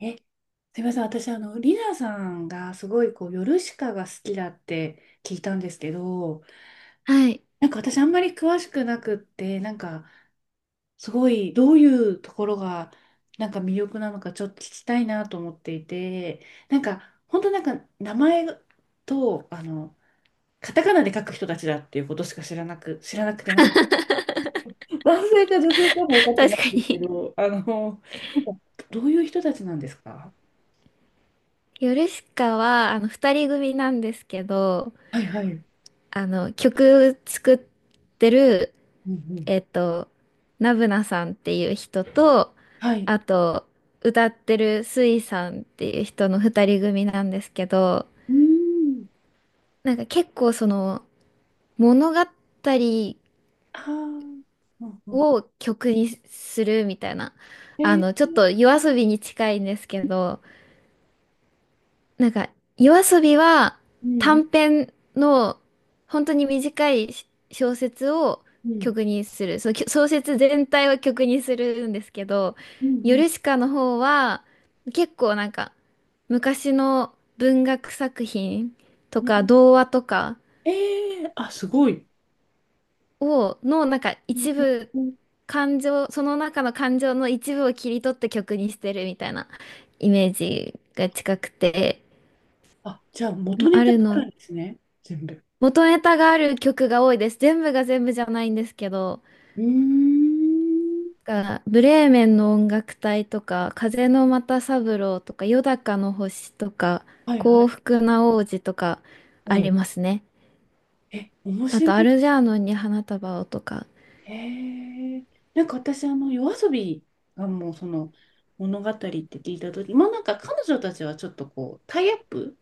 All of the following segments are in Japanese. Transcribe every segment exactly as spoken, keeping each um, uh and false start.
え、すみません。私、あの、リナさんがすごい、こう、ヨルシカが好きだって聞いたんですけど、はい。なんか私、あんまり詳しくなくって、なんか、すごい、どういうところが、なんか魅力なのか、ちょっと聞きたいなと思っていて、なんか、本当なんか、名前と、あの、カタカナで書く人たちだっていうことしか知らなく、知らなくて、なんか、男性か女性かも分かってな確いかんですけに。ど、あの、なんか、どういう人たちなんですか？ヨルシカは、あの、二人組なんですけど、はいはい。うんあの、曲作ってる、うん。えっと、ナブナさんっていう人と、はい。あと、歌ってるスイさんっていう人の二人組なんですけど、うーん。なんか結構その、物語ああ。うんうん。を曲にするみたいな、えあの、ちー、ょっと夜遊びに近いんですけど、なんか、夜遊びはうんうん短編の本当に短いし小説をうん。曲にする。そのきょ小説全体を曲にするんですけど、うんヨうんルシカの方は結構なんか昔の文学作品とうかん。童話とかえー、あ、すごい。をのなんかうん一うん部うん。感情、その中の感情の一部を切り取って曲にしてるみたいなイメージが近くて、あ、じゃあ元まネあタがるあのるんですね。全部。元ネタがある曲が多いです。全部が全部じゃないんですけど、うーん。がブレーメンの音楽隊とか、風の又三郎とか、よだかの星とか、はいは幸い。福な王子とかうあん。りますね。え、面あ白と、い。アルジャーノンに花束をとか。へえ。なんか私、あの、夜遊びがもうその物語って聞いたとき、まあなんか彼女たちはちょっとこう、タイアップ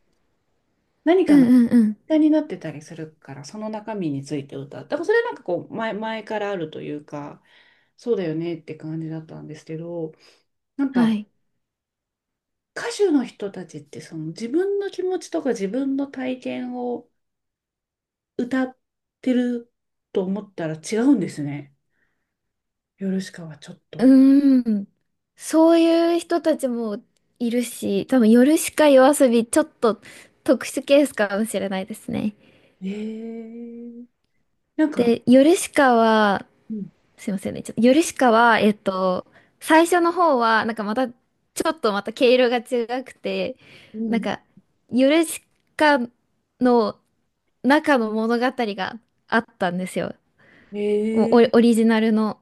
何うかのんうんうん。歌になってたりするから、その中身について歌う。だからそれなんかこう前、前からあるというか、そうだよねって感じだったんですけど、なんはかい。歌手の人たちってその自分の気持ちとか自分の体験を歌ってると思ったら違うんですね。ヨルシカはちょっうと。ーん。そういう人たちもいるし、多分、夜しか夜遊び、ちょっと特殊ケースかもしれないですね。えー、なんか、で、ヨルシカは、うん、すいませんね。ちょっと、ヨルシカは、えっと、最初の方は、なんかまた、ちょっとまた毛色が違くて、うなんん、か、ヨルシカの中の物語があったんですよ。もうえオリ、ー、オリジナルの。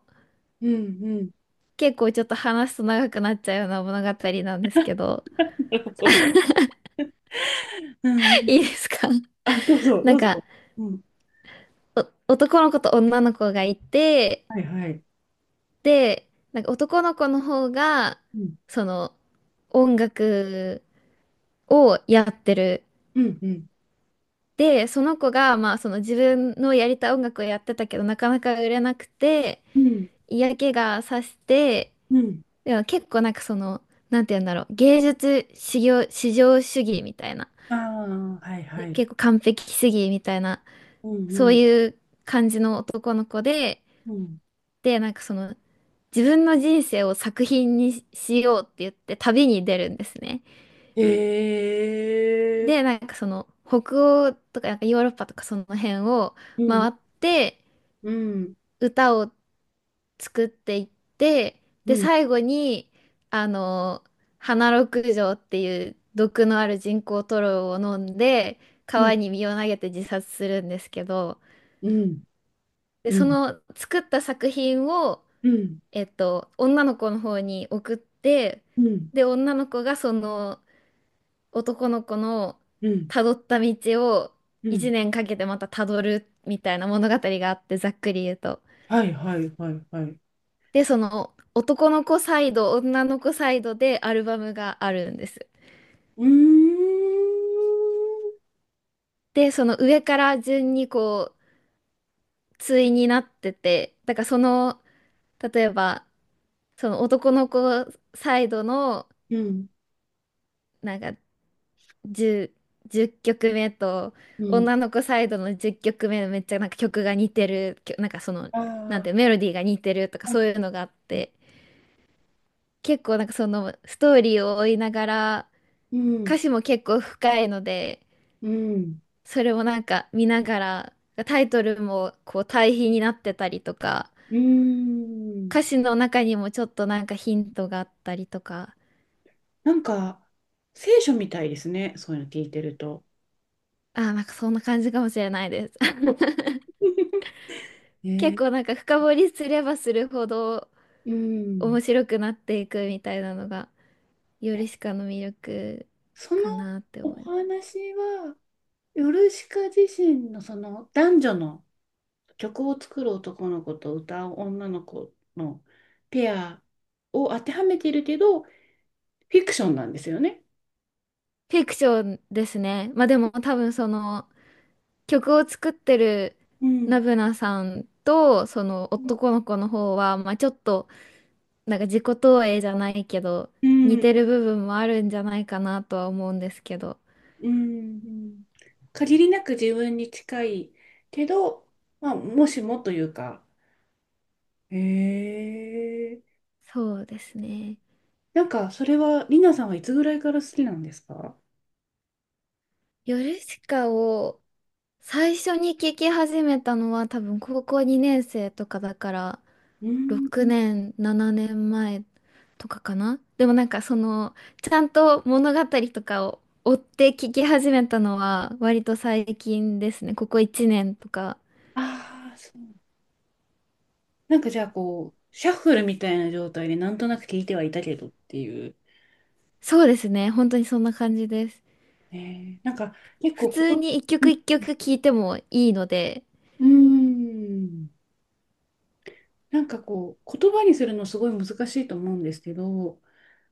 うん、うん、結構ちょっと話すと長くなっちゃうような物語なんですけど、なるほど。うんう ん、いいですか？ あ、どう ぞ、などんうか、ぞ。うん、お男の子と女の子がいて、はい、はい。で、なんか男の子の方が、うん、その、音楽をやってる。うん、うん、で、その子が、まあ、その自分のやりたい音楽をやってたけど、なかなか売れなくて、うん。嫌気がさして、うん。でも結構なんかその、なんて言うんだろう、芸術至上、至上主義みたいな、ああ、はいはで、い。結構完璧主義みたいな、うんそううんいう感じの男の子で、うん。で、なんかその、自分の人生を作品にしようって言って旅に出るんですね。へえ。で、なんかその、北欧とか、なんかヨーロッパとかその辺をうん回って、うん歌を作っていって、うで、ん最後に、あの、花六条っていう毒のある人工塗料を飲んで、うん川に身を投げて自殺するんですけど、うんで、うそんの作った作品を、うんえっと、女の子の方に送って、うんで、女の子がその男の子のうん辿った道をうん。いちねんかけてまた辿るみたいな物語があって、ざっくり言うと。はいはいはいはい。で、その男の子サイド、女の子サイドでアルバムがあるんです。うーん。で、その上から順にこう、対になってて、だからその、例えば、その男の子サイドの、うんなんかじゅう、曲目と、うん。女の子サイドのじゅっきょくめめめっちゃなんか曲が似てる、きょなんかその、あなんあー、てメロディーが似てるとかはい。そういうのがあって、結構なんかそのストーリーを追いながら、うん歌詞も結構深いので、うん。それをなんか見ながら、タイトルもこう対比になってたりとか、うーん。歌詞の中にもちょっとなんかヒントがあったりとか、なんか聖書みたいですね。そういうの聞いてると。あーなんかそんな感じかもしれないです。結ね。構なんか深掘りすればするほどう面ん。白くなっていくみたいなのが、ヨえ、ルシカの魅力そのかなって思いおます。話は。ヨルシカ自身のその男女の曲を作る男の子と歌う女の子のペアを当てはめているけど、フィクションなんですよね。フィクションですね。まあでも多分その曲を作ってるうナん。ブナさんとその男の子の方は、まあちょっとなんか自己投影じゃないけど、う似ん。てる部分もあるんじゃないかなとは思うんですけど。うん。限りなく自分に近いけど、まあ、もしもというか。へえ。そうですね。なんか、それは、リナさんはいつぐらいから好きなんですか？ヨルシカを最初に聞き始めたのは多分高校にねん生とかだからうん。ろくねん、ななねんまえとかかな。でもなんかそのちゃんと物語とかを追って聞き始めたのは割と最近ですね。ここいちねんとか。ああ、そう。なんかじゃあこう、シャッフルみたいな状態でなんとなく聞いてはいたけどっていう。そうですね。本当にそんな感じです。えー、なんか結普構こ通と、に一う曲ん、一曲聴いてもいいので、うーん、なんかこう、言葉にするのすごい難しいと思うんですけど、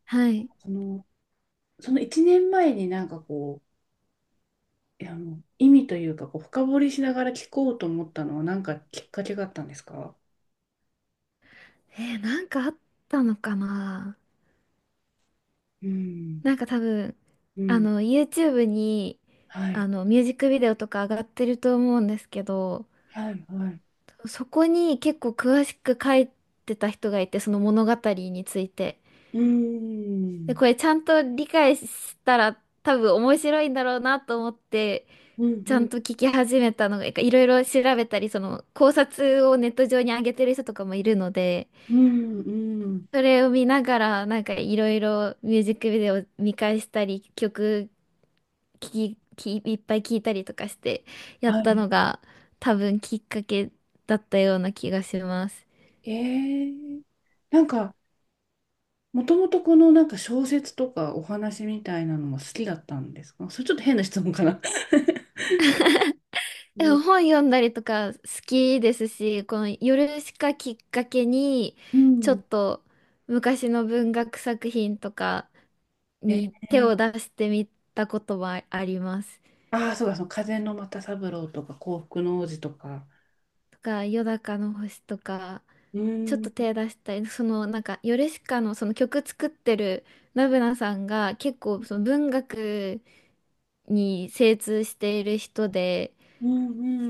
はい。その、その、いちねんまえになんかこう、いやあの意味というかこう、深掘りしながら聞こうと思ったのはなんかきっかけがあったんですか？えーなんかあったのかな？うん、なんか多分、うあん、の、YouTube に、はあい、の、ミュージックビデオとか上がってると思うんですけど、はい、はい。そこに結構詳しく書いてた人がいて、その物語について。うーで、ん、これちゃんと理解したら多分面白いんだろうなと思って、うん、ちゃうん、んと聞き始めたのが、いろいろ調べたり、その考察をネット上に上げてる人とかもいるので、うん、うん、それを見ながら、なんかいろいろミュージックビデオ見返したり、曲聞き、き、いっぱい聞いたりとかしてやっはたい。のが多分きっかけだったような気がします。ええ。なんか、もともとこのなんか小説とかお話みたいなのも好きだったんですか？それちょっと変な質問かな。うえ、ん本読んだりとか好きですし、この夜しかきっかけに、うちょん。っと昔の文学作品とか に手えをえ。出してみたことはあります。ああ、そうだ、その風の又三郎とか幸福の王子とか。とか、夜中の星とか、うちょっん、と手出したり、そのなんか、ヨルシカのその曲作ってるナブナさんが結構その文学に精通している人で、うん、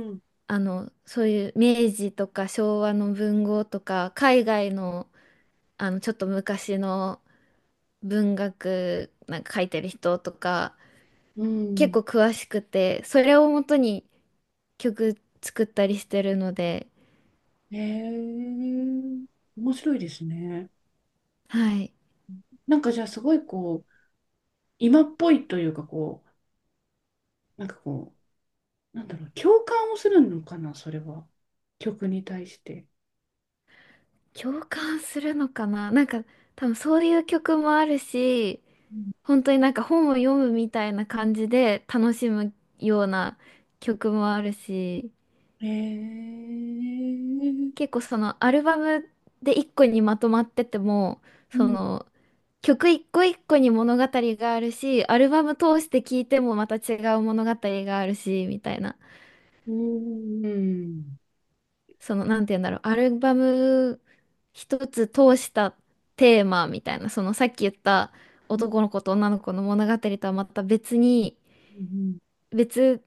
うん、あの、そういう明治とか昭和の文豪とか、海外の、あの、ちょっと昔の文学なんか書いてる人とか、う結ん。構詳しくて、それをもとに曲作ったりしてるので、ええ。面白いですね。はい。なんかじゃあすごいこう、今っぽいというかこう、なんかこう、なんだろう、共感をするのかな、それは。曲に対して。共感するのかな？なんか多分そういう曲もあるし本当になんか本を読むみたいな感じで楽しむような曲もあるしえー、結構そのアルバムで一個にまとまっててもうそん、の曲一個一個に物語があるしアルバム通して聴いてもまた違う物語があるしみたいな、うん、うん。その、なんて言うんだろう、アルバム一つ通したテーマみたいな、そのさっき言ったうん、男の子と女の子の物語とはまた別に、別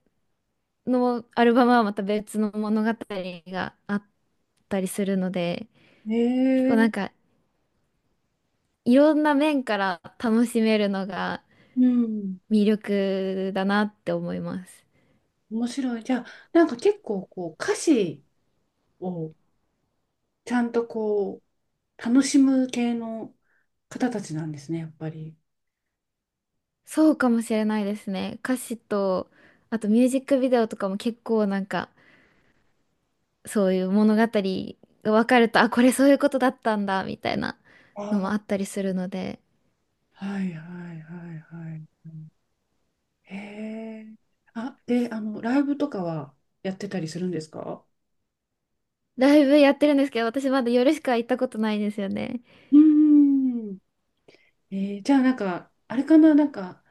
のアルバムはまた別の物語があったりするので、うん、結え構なんー、かいろんな面から楽しめるのがうん、魅力だなって思います。面白い。じゃあ、なんか結構こう、歌詞をちゃんとこう、楽しむ系の方たちなんですね、やっぱり。そうかもしれないですね。歌詞と、あとミュージックビデオとかも結構なんか、そういう物語が分かると、あ、これそういうことだったんだ、みたいなあのもあ、あったりするので、はいはいはいはい。うん。へえ。あ、で、あの、ライブとかはやってたりするんですか？ライブやってるんですけど、私まだ夜しか行ったことないんですよね。うーん。えー、じゃあなんか、あれかな、なんか、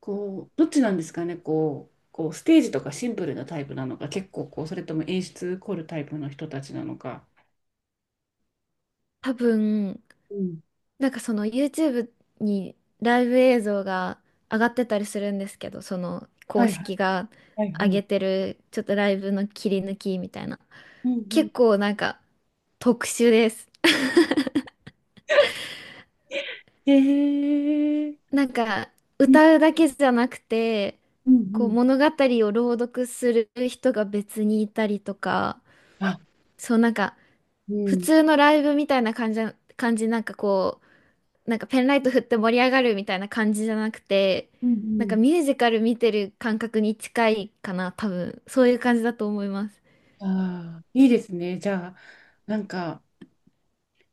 こう、どっちなんですかね、こう、こうステージとかシンプルなタイプなのか、結構こう、それとも演出凝るタイプの人たちなのか。多分、うん。なんかその YouTube にライブ映像が上がってたりするんですけど、そのは公いはい式がはいは上げてい。る、ちょっとライブの切り抜きみたいな。うんうん。結構なんか特殊です。へえ、なんかね。歌うだけじゃなくてうんうこうん。物語を朗読する人が別にいたりとか、あ、そうなんかう普ん。通のライブみたいな感じな、感じなんかこうなんかペンライト振って盛り上がるみたいな感じじゃなくてうんなんうかミん。ュージカル見てる感覚に近いかな、多分そういう感じだと思います。ああ、いいですね。じゃあ、なんか、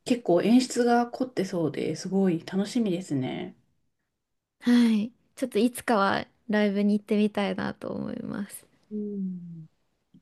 結構演出が凝ってそうですごい楽しみですね。はい。ちょっといつかはライブに行ってみたいなと思います。うん。